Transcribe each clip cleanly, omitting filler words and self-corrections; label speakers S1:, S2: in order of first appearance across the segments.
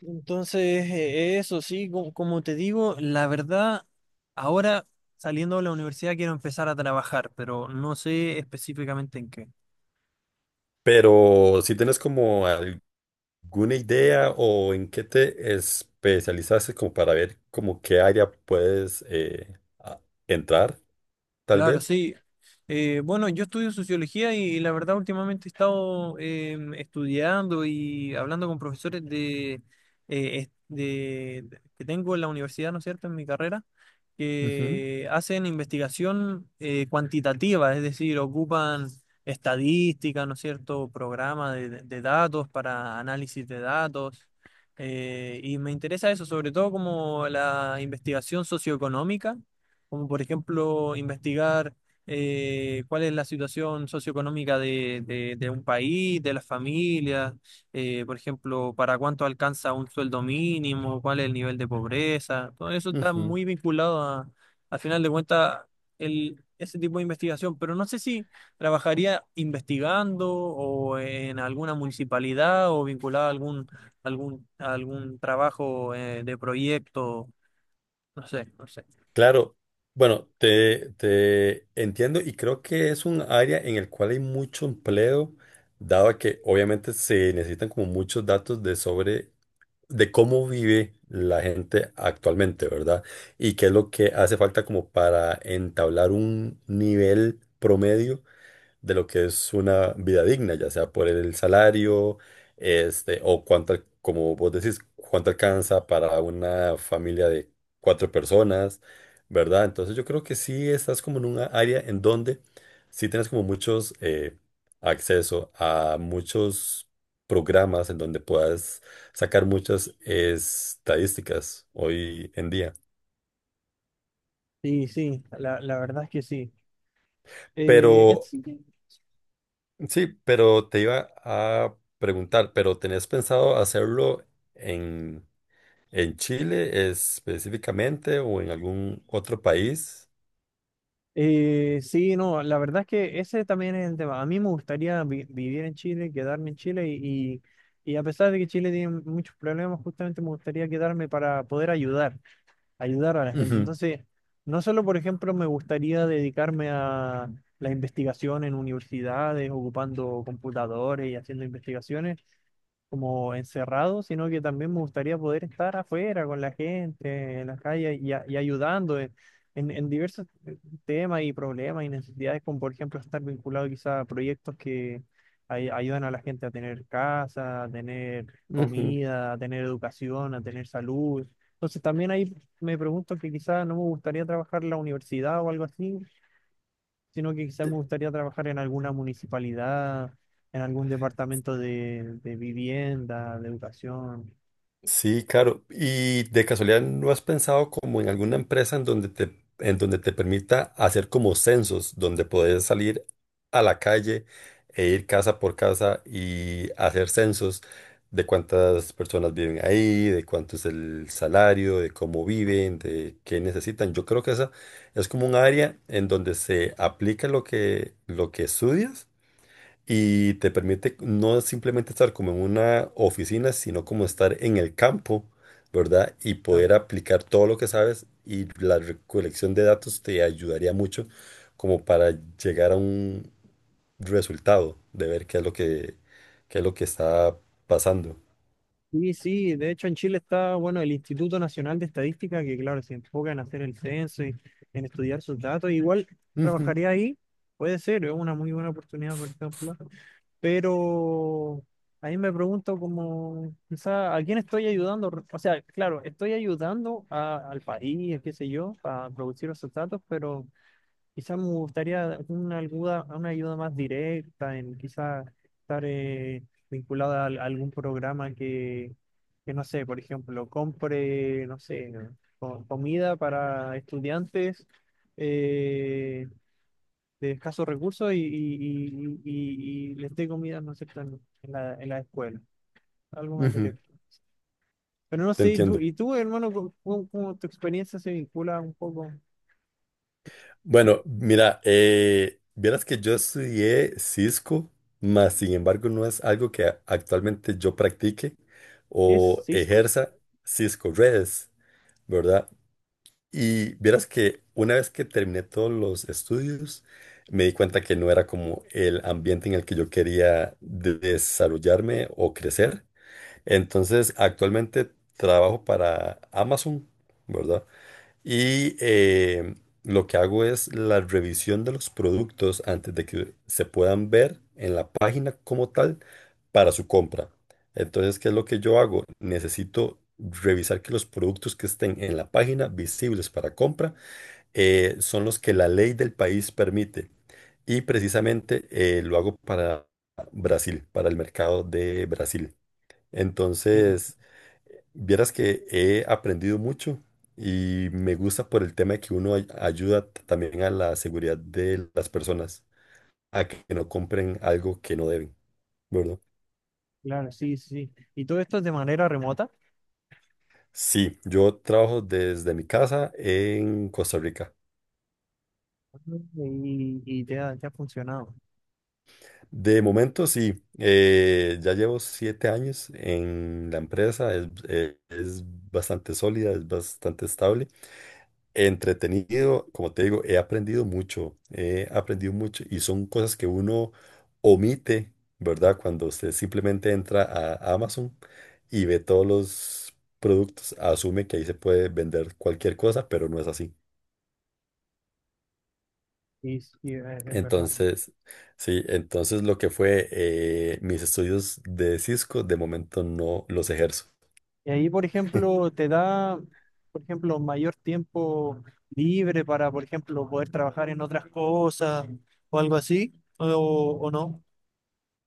S1: Entonces, eso sí, como te digo, la verdad, ahora saliendo de la universidad quiero empezar a trabajar, pero no sé específicamente en qué.
S2: Pero si tienes como alguna idea o en qué te especializaste como para ver como qué área puedes a- entrar, tal
S1: Claro,
S2: vez.
S1: sí. Bueno, yo estudio sociología y, la verdad últimamente he estado estudiando y hablando con profesores eh, es- de- que tengo en la universidad, ¿no es cierto?, en mi carrera,
S2: Ujú,
S1: que hacen investigación cuantitativa, es decir, ocupan estadística, ¿no es cierto?, programas de datos para análisis de datos. Y me interesa eso, sobre todo como la investigación socioeconómica, como por ejemplo investigar cuál es la situación socioeconómica de un país, de las familias, por ejemplo, para cuánto alcanza un sueldo mínimo, cuál es el nivel de pobreza, todo eso está
S2: ujú.
S1: muy al final de cuentas, ese tipo de investigación, pero no sé si trabajaría investigando o en alguna municipalidad o vinculado a algún, algún, a algún trabajo de proyecto, no sé, no sé.
S2: Claro, bueno, te entiendo y creo que es un área en el cual hay mucho empleo, dado que obviamente se necesitan como muchos datos de sobre de cómo vive la gente actualmente, ¿verdad? Y qué es lo que hace falta como para entablar un nivel promedio de lo que es una vida digna, ya sea por el salario, este, o cuánto, como vos decís, cuánto alcanza para una familia de cuatro personas, ¿verdad? Entonces yo creo que sí estás como en una área en donde sí tienes como muchos acceso a muchos programas en donde puedas sacar muchas estadísticas hoy en día.
S1: Sí, sí, la verdad es que sí. Eh,
S2: Pero
S1: así que,
S2: sí, pero te iba a preguntar, ¿pero tenés pensado hacerlo en, en Chile específicamente o en algún otro país?
S1: sí, no, la verdad es que ese también es el tema. A mí me gustaría vivir en Chile, quedarme en Chile y, y a pesar de que Chile tiene muchos problemas, justamente me gustaría quedarme para poder ayudar, ayudar a la gente.
S2: Ujú,
S1: Entonces, no solo, por ejemplo, me gustaría dedicarme a la investigación en universidades, ocupando computadores y haciendo investigaciones, como encerrado, sino que también me gustaría poder estar afuera con la gente, en las calles y, y ayudando en, en diversos temas y problemas y necesidades, como por ejemplo estar vinculado quizá a proyectos que ayudan a la gente a tener casa, a tener
S2: ujú.
S1: comida, a tener educación, a tener salud. Entonces también ahí me pregunto que quizá no me gustaría trabajar en la universidad o algo así, sino que quizás me gustaría trabajar en alguna municipalidad, en algún departamento de vivienda, de educación.
S2: Sí, claro. ¿Y de casualidad no has pensado como en alguna empresa en donde te permita hacer como censos, donde podés salir a la calle e ir casa por casa y hacer censos de cuántas personas viven ahí, de cuánto es el salario, de cómo viven, de qué necesitan? Yo creo que esa es como un área en donde se aplica lo que estudias y te permite no simplemente estar como en una oficina, sino como estar en el campo, ¿verdad? Y
S1: Claro.
S2: poder aplicar todo lo que sabes y la recolección de datos te ayudaría mucho como para llegar a un resultado de ver qué es lo que, qué es lo que está pasando.
S1: Y sí, de hecho en Chile está, bueno, el Instituto Nacional de Estadística, que claro, se enfoca en hacer el censo y en estudiar sus datos. Igual
S2: Ujú,
S1: trabajaría ahí, puede ser, es una muy buena oportunidad, por ejemplo. Pero ahí me pregunto como, quizá, ¿a quién estoy ayudando? O sea, claro, estoy ayudando al país, qué sé yo, a producir esos datos, pero quizás me gustaría una ayuda más directa, en quizás estar vinculada a, algún programa que, no sé, por ejemplo, compre, no sé, comida para estudiantes eh, de escasos recursos y, y les dé comida, no sé, en en la escuela, algo más
S2: ujú,
S1: directo. Pero no
S2: te
S1: sé,
S2: entiendo.
S1: y tú hermano, cómo, cómo tu experiencia se vincula un poco?
S2: Bueno, mira, vieras que yo estudié Cisco, mas sin embargo no es algo que actualmente yo practique
S1: ¿Qué es
S2: o
S1: Cisco?
S2: ejerza. Cisco Redes, ¿verdad? Y vieras que una vez que terminé todos los estudios, me di cuenta que no era como el ambiente en el que yo quería desarrollarme o crecer. Entonces, actualmente trabajo para Amazon, ¿verdad? Y lo que hago es la revisión de los productos antes de que se puedan ver en la página como tal para su compra. Entonces, ¿qué es lo que yo hago? Necesito revisar que los productos que estén en la página visibles para compra son los que la ley del país permite. Y precisamente lo hago para Brasil, para el mercado de Brasil.
S1: Entiendo.
S2: Entonces, vieras que he aprendido mucho y me gusta por el tema de que uno ayuda también a la seguridad de las personas, a que no compren algo que no deben, ¿verdad?
S1: Claro, sí, sí, sí. Y todo esto es de manera remota
S2: Sí, yo trabajo desde mi casa en Costa Rica.
S1: y te ha funcionado.
S2: De momento sí, ya llevo 7 años en la empresa, es bastante sólida, es bastante estable. Entretenido, como te digo, he aprendido mucho y son cosas que uno omite, ¿verdad? Cuando usted simplemente entra a Amazon y ve todos los productos, asume que ahí se puede vender cualquier cosa, pero no es así.
S1: Sí, sí, es verdad.
S2: Entonces, sí, entonces lo que fue mis estudios de Cisco, de momento no los ejerzo.
S1: Y ahí, por ejemplo, te da, por ejemplo, mayor tiempo libre para, por ejemplo, poder trabajar en otras cosas o algo así, o, o no.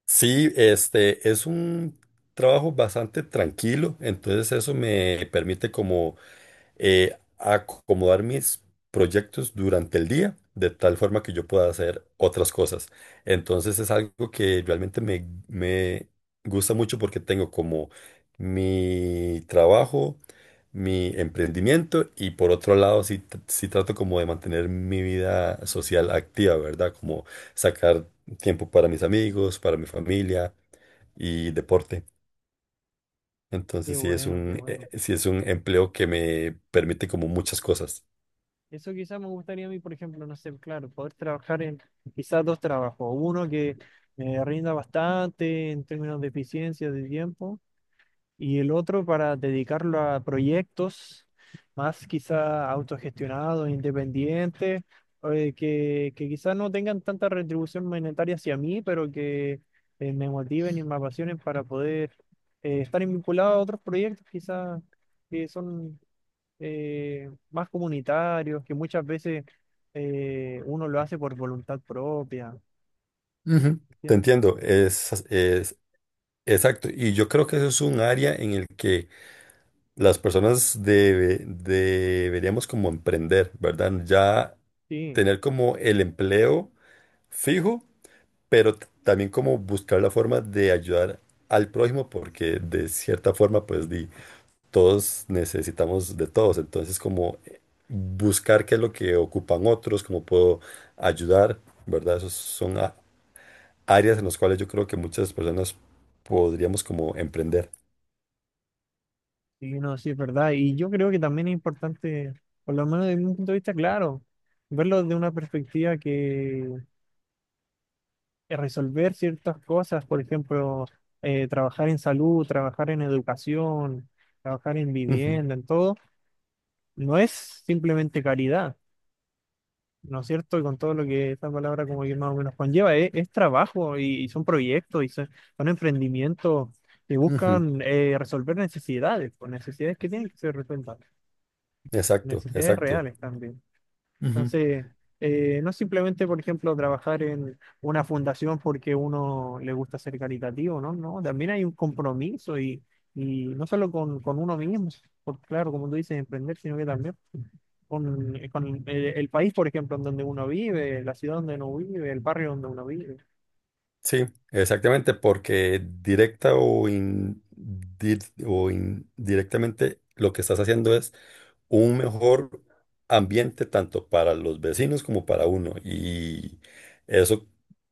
S2: Sí, este es un trabajo bastante tranquilo, entonces eso me permite como acomodar mis proyectos durante el día, de tal forma que yo pueda hacer otras cosas. Entonces es algo que realmente me gusta mucho porque tengo como mi trabajo, mi emprendimiento y por otro lado sí, sí trato como de mantener mi vida social activa, ¿verdad? Como sacar tiempo para mis amigos, para mi familia y deporte.
S1: Qué
S2: Entonces
S1: bueno, qué bueno.
S2: sí es un empleo que me permite como muchas cosas.
S1: Eso quizás me gustaría a mí, por ejemplo, no sé, claro, poder trabajar en quizás dos trabajos. Uno que me rinda bastante en términos de eficiencia de tiempo y el otro para dedicarlo a proyectos más quizá autogestionados, independientes, que quizás no tengan tanta retribución monetaria hacia mí, pero que me motiven y me apasionen para poder estar vinculado a otros proyectos quizás que son más comunitarios, que muchas veces uno lo hace por voluntad propia.
S2: Ujú. Te
S1: ¿Entiendes?
S2: entiendo, es exacto. Y yo creo que eso es un área en el que las personas deberíamos como emprender, ¿verdad? Ya
S1: Sí,
S2: tener como el empleo fijo, pero también como buscar la forma de ayudar al prójimo, porque de cierta forma, pues di, todos necesitamos de todos. Entonces, como buscar qué es lo que ocupan otros, cómo puedo ayudar, ¿verdad? Esos son áreas en las cuales yo creo que muchas personas podríamos como emprender.
S1: sí, no, sí, es verdad. Y yo creo que también es importante, por lo menos desde un punto de vista claro, verlo de una perspectiva que resolver ciertas cosas, por ejemplo, trabajar en salud, trabajar en educación, trabajar en
S2: Ujú,
S1: vivienda, en todo, no es simplemente caridad, ¿no es cierto? Y con todo lo que esta palabra como que más o menos conlleva, es trabajo y son proyectos y son, son emprendimientos que
S2: ujú,
S1: buscan resolver necesidades, pues, necesidades que tienen que ser resueltas,
S2: Exacto,
S1: necesidades
S2: exacto.
S1: reales también. Entonces, no simplemente, por ejemplo, trabajar en una fundación porque uno le gusta ser caritativo, ¿no? No, también hay un compromiso y no solo con uno mismo, porque claro, como tú dices, emprender, sino que también con el país, por ejemplo, en donde uno vive, la ciudad donde uno vive, el barrio donde uno vive.
S2: Sí, exactamente, porque directa o, o indirectamente lo que estás haciendo es un mejor ambiente tanto para los vecinos como para uno. Y eso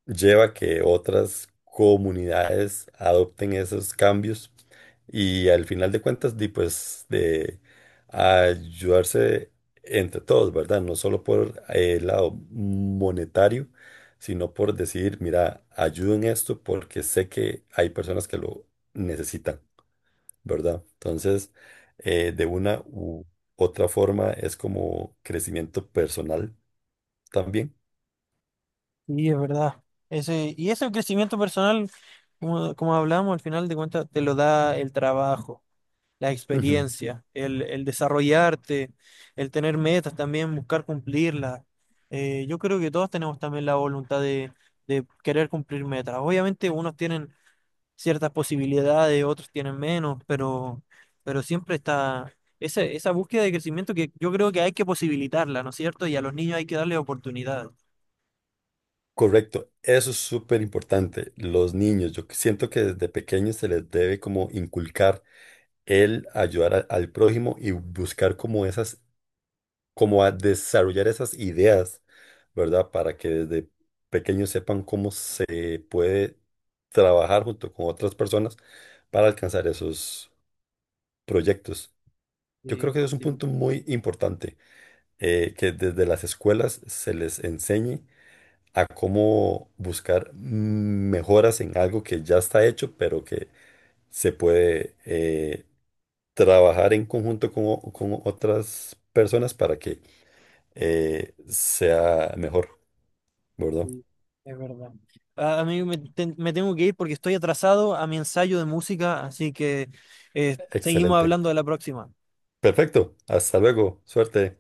S2: lleva a que otras comunidades adopten esos cambios y al final de cuentas, di, pues de ayudarse entre todos, ¿verdad? No solo por el lado monetario sino por decir, mira, ayudo esto porque sé que hay personas que lo necesitan, ¿verdad? Entonces, de una u otra forma es como crecimiento personal también.
S1: Sí, es verdad. Ese, y ese crecimiento personal, como, como hablábamos al final de cuentas, te lo da el trabajo, la
S2: Ujú.
S1: experiencia, el desarrollarte, el tener metas también, buscar cumplirlas. Yo creo que todos tenemos también la voluntad de querer cumplir metas. Obviamente unos tienen ciertas posibilidades, otros tienen menos, pero siempre está esa, esa búsqueda de crecimiento que yo creo que hay que posibilitarla, ¿no es cierto? Y a los niños hay que darle oportunidades.
S2: Correcto, eso es súper importante. Los niños, yo siento que desde pequeños se les debe como inculcar el ayudar al prójimo y buscar como esas como a desarrollar esas ideas, ¿verdad? Para que desde pequeños sepan cómo se puede trabajar junto con otras personas para alcanzar esos proyectos. Yo
S1: Sí,
S2: creo que eso es un
S1: sí.
S2: punto muy importante, que desde las escuelas se les enseñe a cómo buscar mejoras en algo que ya está hecho, pero que se puede trabajar en conjunto con, con otras personas para que sea mejor. Gordo.
S1: Sí, es verdad. A mí me, me tengo que ir porque estoy atrasado a mi ensayo de música, así que seguimos
S2: Excelente.
S1: hablando de la próxima.
S2: Perfecto. Hasta luego. Suerte.